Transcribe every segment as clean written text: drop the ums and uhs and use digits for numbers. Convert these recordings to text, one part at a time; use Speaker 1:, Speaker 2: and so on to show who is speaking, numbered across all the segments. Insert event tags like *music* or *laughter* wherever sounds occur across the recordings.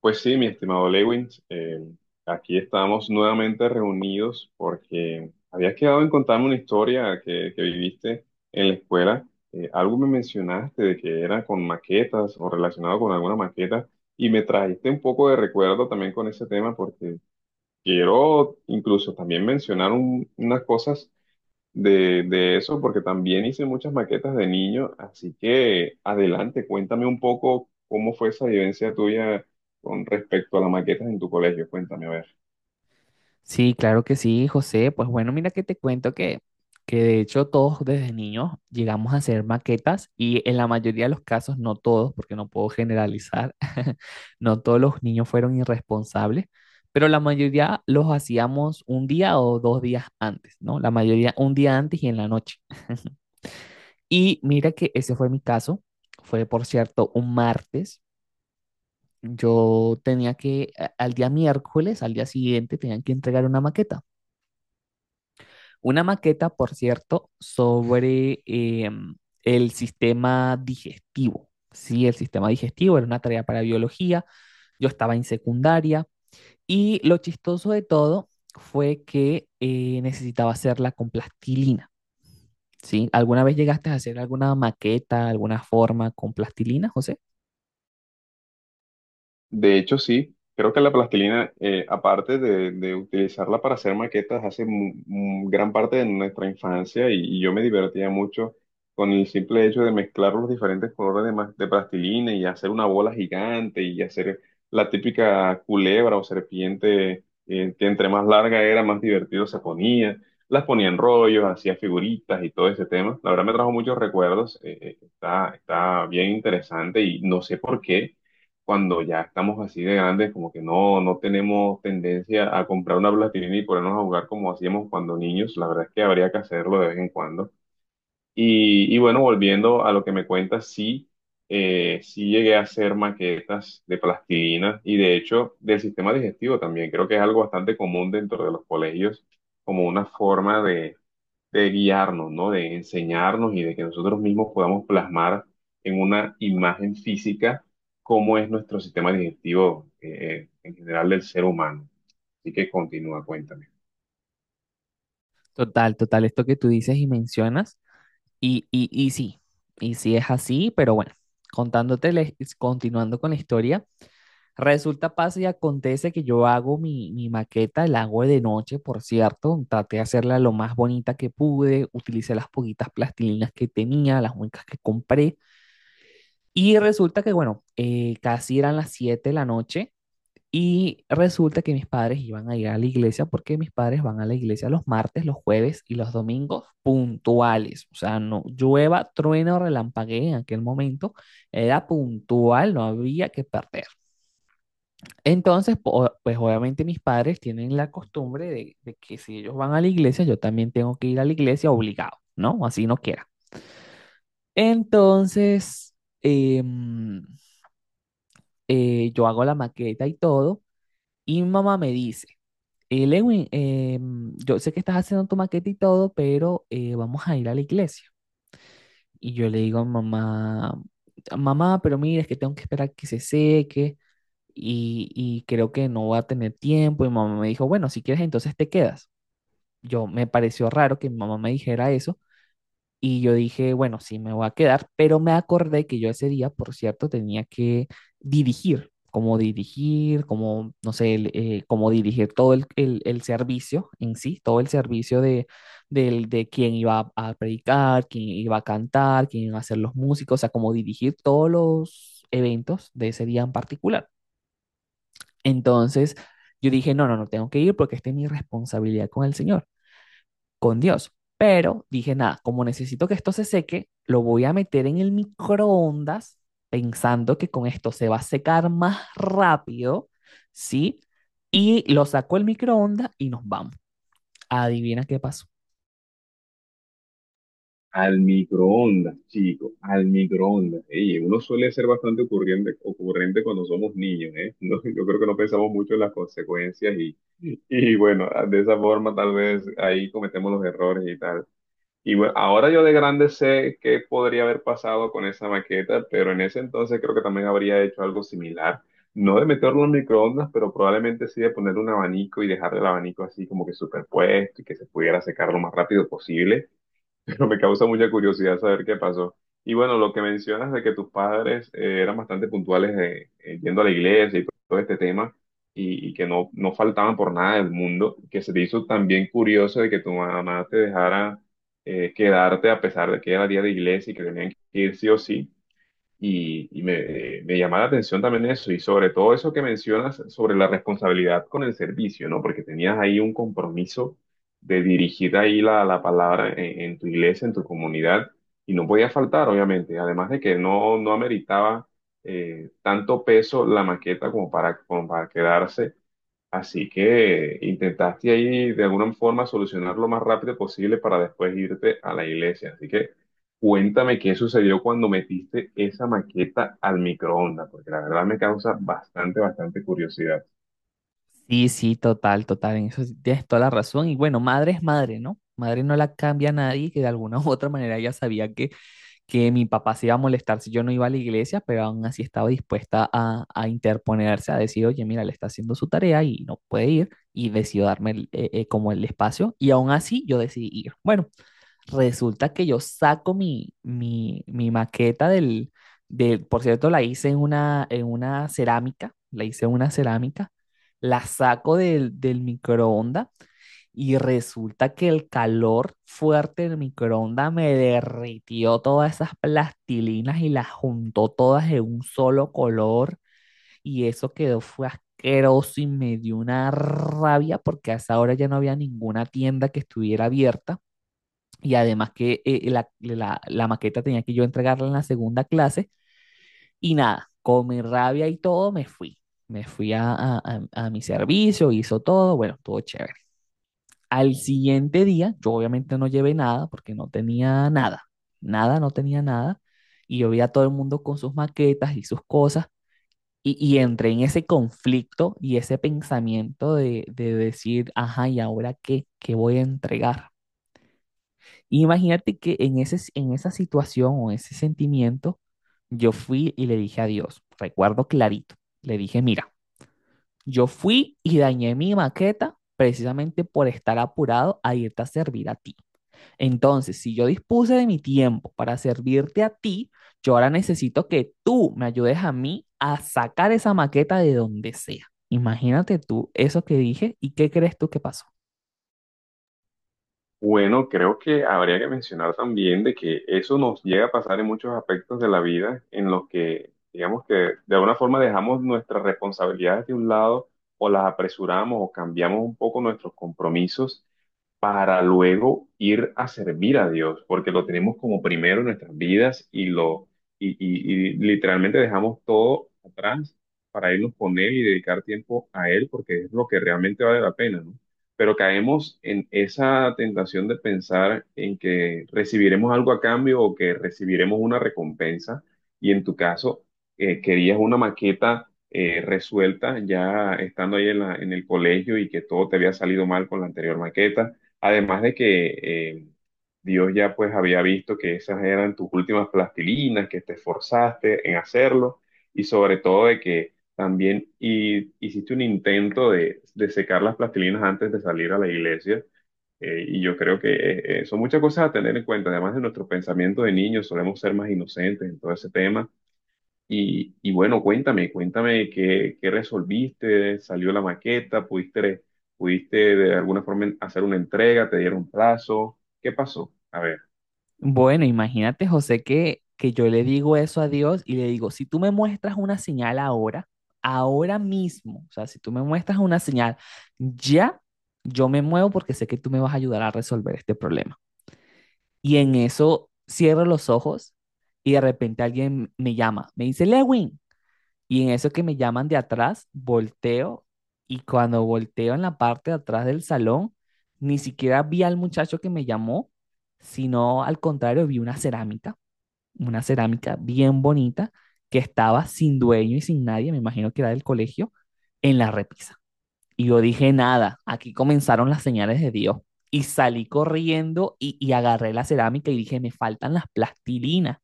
Speaker 1: Pues sí, mi estimado Lewins, aquí estamos nuevamente reunidos porque habías quedado en contarme una historia que viviste en la escuela. Algo me mencionaste de que era con maquetas o relacionado con alguna maqueta, y me trajiste un poco de recuerdo también con ese tema, porque quiero incluso también mencionar unas cosas de eso, porque también hice muchas maquetas de niño, así que adelante, cuéntame un poco cómo fue esa vivencia tuya con respecto a las maquetas en tu colegio. Cuéntame, a ver.
Speaker 2: Sí, claro que sí, José. Pues bueno, mira que te cuento que de hecho todos desde niños llegamos a hacer maquetas y en la mayoría de los casos, no todos, porque no puedo generalizar, *laughs* no todos los niños fueron irresponsables, pero la mayoría los hacíamos un día o dos días antes, ¿no? La mayoría un día antes y en la noche. *laughs* Y mira que ese fue mi caso. Fue, por cierto, un martes. Yo tenía que al día miércoles, al día siguiente, tenían que entregar una maqueta. Una maqueta, por cierto, sobre el sistema digestivo. Sí, el sistema digestivo era una tarea para biología, yo estaba en secundaria y lo chistoso de todo fue que necesitaba hacerla con plastilina. ¿Sí? ¿Alguna vez llegaste a hacer alguna maqueta, alguna forma con plastilina, José?
Speaker 1: De hecho, sí, creo que la plastilina, aparte de utilizarla para hacer maquetas, hace gran parte de nuestra infancia, y yo me divertía mucho con el simple hecho de mezclar los diferentes colores de plastilina y hacer una bola gigante y hacer la típica culebra o serpiente, que entre más larga era, más divertido se ponía. Las ponía en rollos, hacía figuritas y todo ese tema. La verdad me trajo muchos recuerdos. Está bien interesante, y no sé por qué cuando ya estamos así de grandes, como que no tenemos tendencia a comprar una plastilina y ponernos a jugar como hacíamos cuando niños. La verdad es que habría que hacerlo de vez en cuando. Y bueno, volviendo a lo que me cuentas, sí, sí llegué a hacer maquetas de plastilina, y de hecho del sistema digestivo también. Creo que es algo bastante común dentro de los colegios, como una forma de guiarnos, ¿no? De enseñarnos y de que nosotros mismos podamos plasmar en una imagen física cómo es nuestro sistema digestivo, en general del ser humano. Así que continúa, cuéntame.
Speaker 2: Total, total, esto que tú dices y mencionas. Y sí, y sí es así, pero bueno, contándote, continuando con la historia. Resulta, pasa y acontece que yo hago mi maqueta, la hago de noche, por cierto. Traté de hacerla lo más bonita que pude, utilicé las poquitas plastilinas que tenía, las únicas que compré. Y resulta que, bueno, casi eran las 7 de la noche y resulta que mis padres iban a ir a la iglesia porque mis padres van a la iglesia los martes, los jueves y los domingos puntuales. O sea, no llueva, trueno, relampaguee en aquel momento, era puntual, no había que perder. Entonces, pues obviamente mis padres tienen la costumbre de que si ellos van a la iglesia, yo también tengo que ir a la iglesia obligado, ¿no? Así no quiera. Entonces, em, yo hago la maqueta y todo, y mi mamá me dice, Lewin, yo sé que estás haciendo tu maqueta y todo, pero vamos a ir a la iglesia. Y yo le digo, mamá, mamá, pero mira, es que tengo que esperar que se seque. Y creo que no va a tener tiempo. Y mi mamá me dijo, bueno, si quieres, entonces te quedas. Yo me pareció raro que mi mamá me dijera eso y yo dije, bueno, sí, me voy a quedar, pero me acordé que yo ese día, por cierto, tenía que dirigir, como, no sé, como dirigir todo el servicio en sí, todo el servicio de, de quién iba a predicar, quién iba a cantar, quién iba a ser los músicos, o sea, como dirigir todos los eventos de ese día en particular. Entonces yo dije, no tengo que ir porque esta es mi responsabilidad con el Señor, con Dios. Pero dije, nada, como necesito que esto se seque, lo voy a meter en el microondas pensando que con esto se va a secar más rápido, ¿sí? Y lo saco el microondas y nos vamos. Adivina qué pasó.
Speaker 1: Al microondas, chico, al microondas. Ey, uno suele ser bastante ocurrente, ocurrente cuando somos niños, ¿eh? *laughs* No, yo creo que no pensamos mucho en las consecuencias, y bueno, de esa forma tal vez ahí cometemos los errores y tal. Y bueno, ahora yo de grande sé qué podría haber pasado con esa maqueta, pero en ese entonces creo que también habría hecho algo similar. No de meterlo en microondas, pero probablemente sí de poner un abanico y dejar el abanico así como que superpuesto y que se pudiera secar lo más rápido posible, pero me causa mucha curiosidad saber qué pasó. Y bueno, lo que mencionas de que tus padres eran bastante puntuales yendo a la iglesia y todo este tema, y que no faltaban por nada del mundo, que se te hizo también curioso de que tu mamá te dejara quedarte a pesar de que era día de iglesia y que tenían que ir sí o sí. Me llama la atención también eso, y sobre todo eso que mencionas sobre la responsabilidad con el servicio, ¿no? Porque tenías ahí un compromiso de dirigir ahí la palabra en tu iglesia, en tu comunidad, y no podía faltar, obviamente, además de que no ameritaba tanto peso la maqueta como para, como para quedarse. Así que intentaste ahí de alguna forma solucionar lo más rápido posible para después irte a la iglesia. Así que cuéntame qué sucedió cuando metiste esa maqueta al microondas, porque la verdad me causa bastante, bastante curiosidad.
Speaker 2: Sí, sí, total, total, en eso sí tienes toda la razón. Y bueno, madre es madre, ¿no? Madre no la cambia a nadie que de alguna u otra manera ya sabía que mi papá se iba a molestar si yo no iba a la iglesia, pero aún así estaba dispuesta a interponerse, a decir, oye, mira, le está haciendo su tarea y no puede ir, y decidió darme como el espacio, y aún así yo decidí ir. Bueno, resulta que yo saco mi maqueta del, por cierto, la hice en una cerámica, la hice en una cerámica, la saco del microondas y resulta que el calor fuerte del microondas me derritió todas esas plastilinas y las juntó todas en un solo color. Y eso quedó, fue asqueroso y me dio una rabia porque a esa hora ya no había ninguna tienda que estuviera abierta. Y además que la maqueta tenía que yo entregarla en la segunda clase. Y nada, con mi rabia y todo me fui. Me fui a mi servicio, hizo todo, bueno, estuvo chévere. Al siguiente día, yo obviamente no llevé nada porque no tenía nada, nada, no tenía nada. Y yo vi a todo el mundo con sus maquetas y sus cosas. Y entré en ese conflicto y ese pensamiento de decir, ajá, ¿y ahora qué? ¿Qué voy a entregar? Imagínate que en en esa situación o ese sentimiento, yo fui y le dije a Dios, recuerdo clarito, le dije, mira, yo fui y dañé mi maqueta precisamente por estar apurado a irte a servir a ti. Entonces, si yo dispuse de mi tiempo para servirte a ti, yo ahora necesito que tú me ayudes a mí a sacar esa maqueta de donde sea. Imagínate tú eso que dije y qué crees tú que pasó.
Speaker 1: Bueno, creo que habría que mencionar también de que eso nos llega a pasar en muchos aspectos de la vida, en los que, digamos que de alguna forma dejamos nuestras responsabilidades de un lado, o las apresuramos o cambiamos un poco nuestros compromisos para luego ir a servir a Dios, porque lo tenemos como primero en nuestras vidas y lo y literalmente dejamos todo atrás para irnos con Él y dedicar tiempo a Él, porque es lo que realmente vale la pena, ¿no? Pero caemos en esa tentación de pensar en que recibiremos algo a cambio o que recibiremos una recompensa, y en tu caso, querías una maqueta resuelta, ya estando ahí en en el colegio, y que todo te había salido mal con la anterior maqueta. Además de que Dios ya pues había visto que esas eran tus últimas plastilinas, que te esforzaste en hacerlo, y sobre todo de que también hiciste un intento de secar las plastilinas antes de salir a la iglesia. Y yo creo que son muchas cosas a tener en cuenta. Además de nuestro pensamiento de niños, solemos ser más inocentes en todo ese tema. Y bueno, cuéntame, cuéntame qué resolviste, salió la maqueta, pudiste, pudiste de alguna forma hacer una entrega, te dieron plazo, ¿qué pasó? A ver,
Speaker 2: Bueno, imagínate, José, que yo le digo eso a Dios y le digo, si tú me muestras una señal ahora, ahora mismo, o sea, si tú me muestras una señal, ya yo me muevo porque sé que tú me vas a ayudar a resolver este problema. Y en eso cierro los ojos y de repente alguien me llama, me dice Lewin. Y en eso que me llaman de atrás, volteo y cuando volteo en la parte de atrás del salón, ni siquiera vi al muchacho que me llamó, sino al contrario, vi una cerámica bien bonita que estaba sin dueño y sin nadie, me imagino que era del colegio, en la repisa. Y yo dije, nada, aquí comenzaron las señales de Dios. Y salí corriendo y agarré la cerámica y dije, me faltan las plastilinas.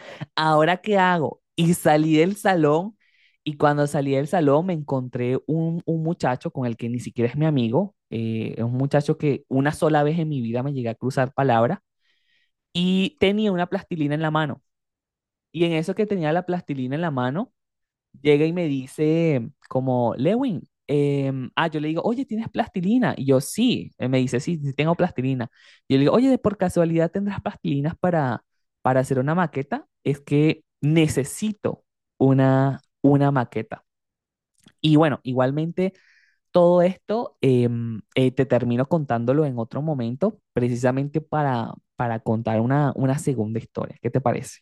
Speaker 2: *laughs* ¿Ahora qué hago? Y salí del salón y cuando salí del salón me encontré un muchacho con el que ni siquiera es mi amigo. Es un muchacho que una sola vez en mi vida me llegué a cruzar palabras y tenía una plastilina en la mano. Y en eso que tenía la plastilina en la mano, llega y me dice como, Lewin, yo le digo, oye, ¿tienes plastilina? Y yo, sí, Él me dice, sí, sí tengo plastilina. Yo le digo, oye, ¿de por casualidad tendrás plastilinas para hacer una maqueta? Es que necesito una maqueta. Y bueno, igualmente todo esto te termino contándolo en otro momento, precisamente para contar una segunda historia. ¿Qué te parece?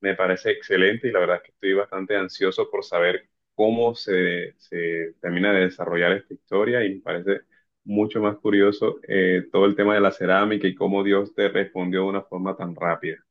Speaker 1: me parece excelente, y la verdad es que estoy bastante ansioso por saber cómo se termina de desarrollar esta historia, y me parece mucho más curioso todo el tema de la cerámica y cómo Dios te respondió de una forma tan rápida.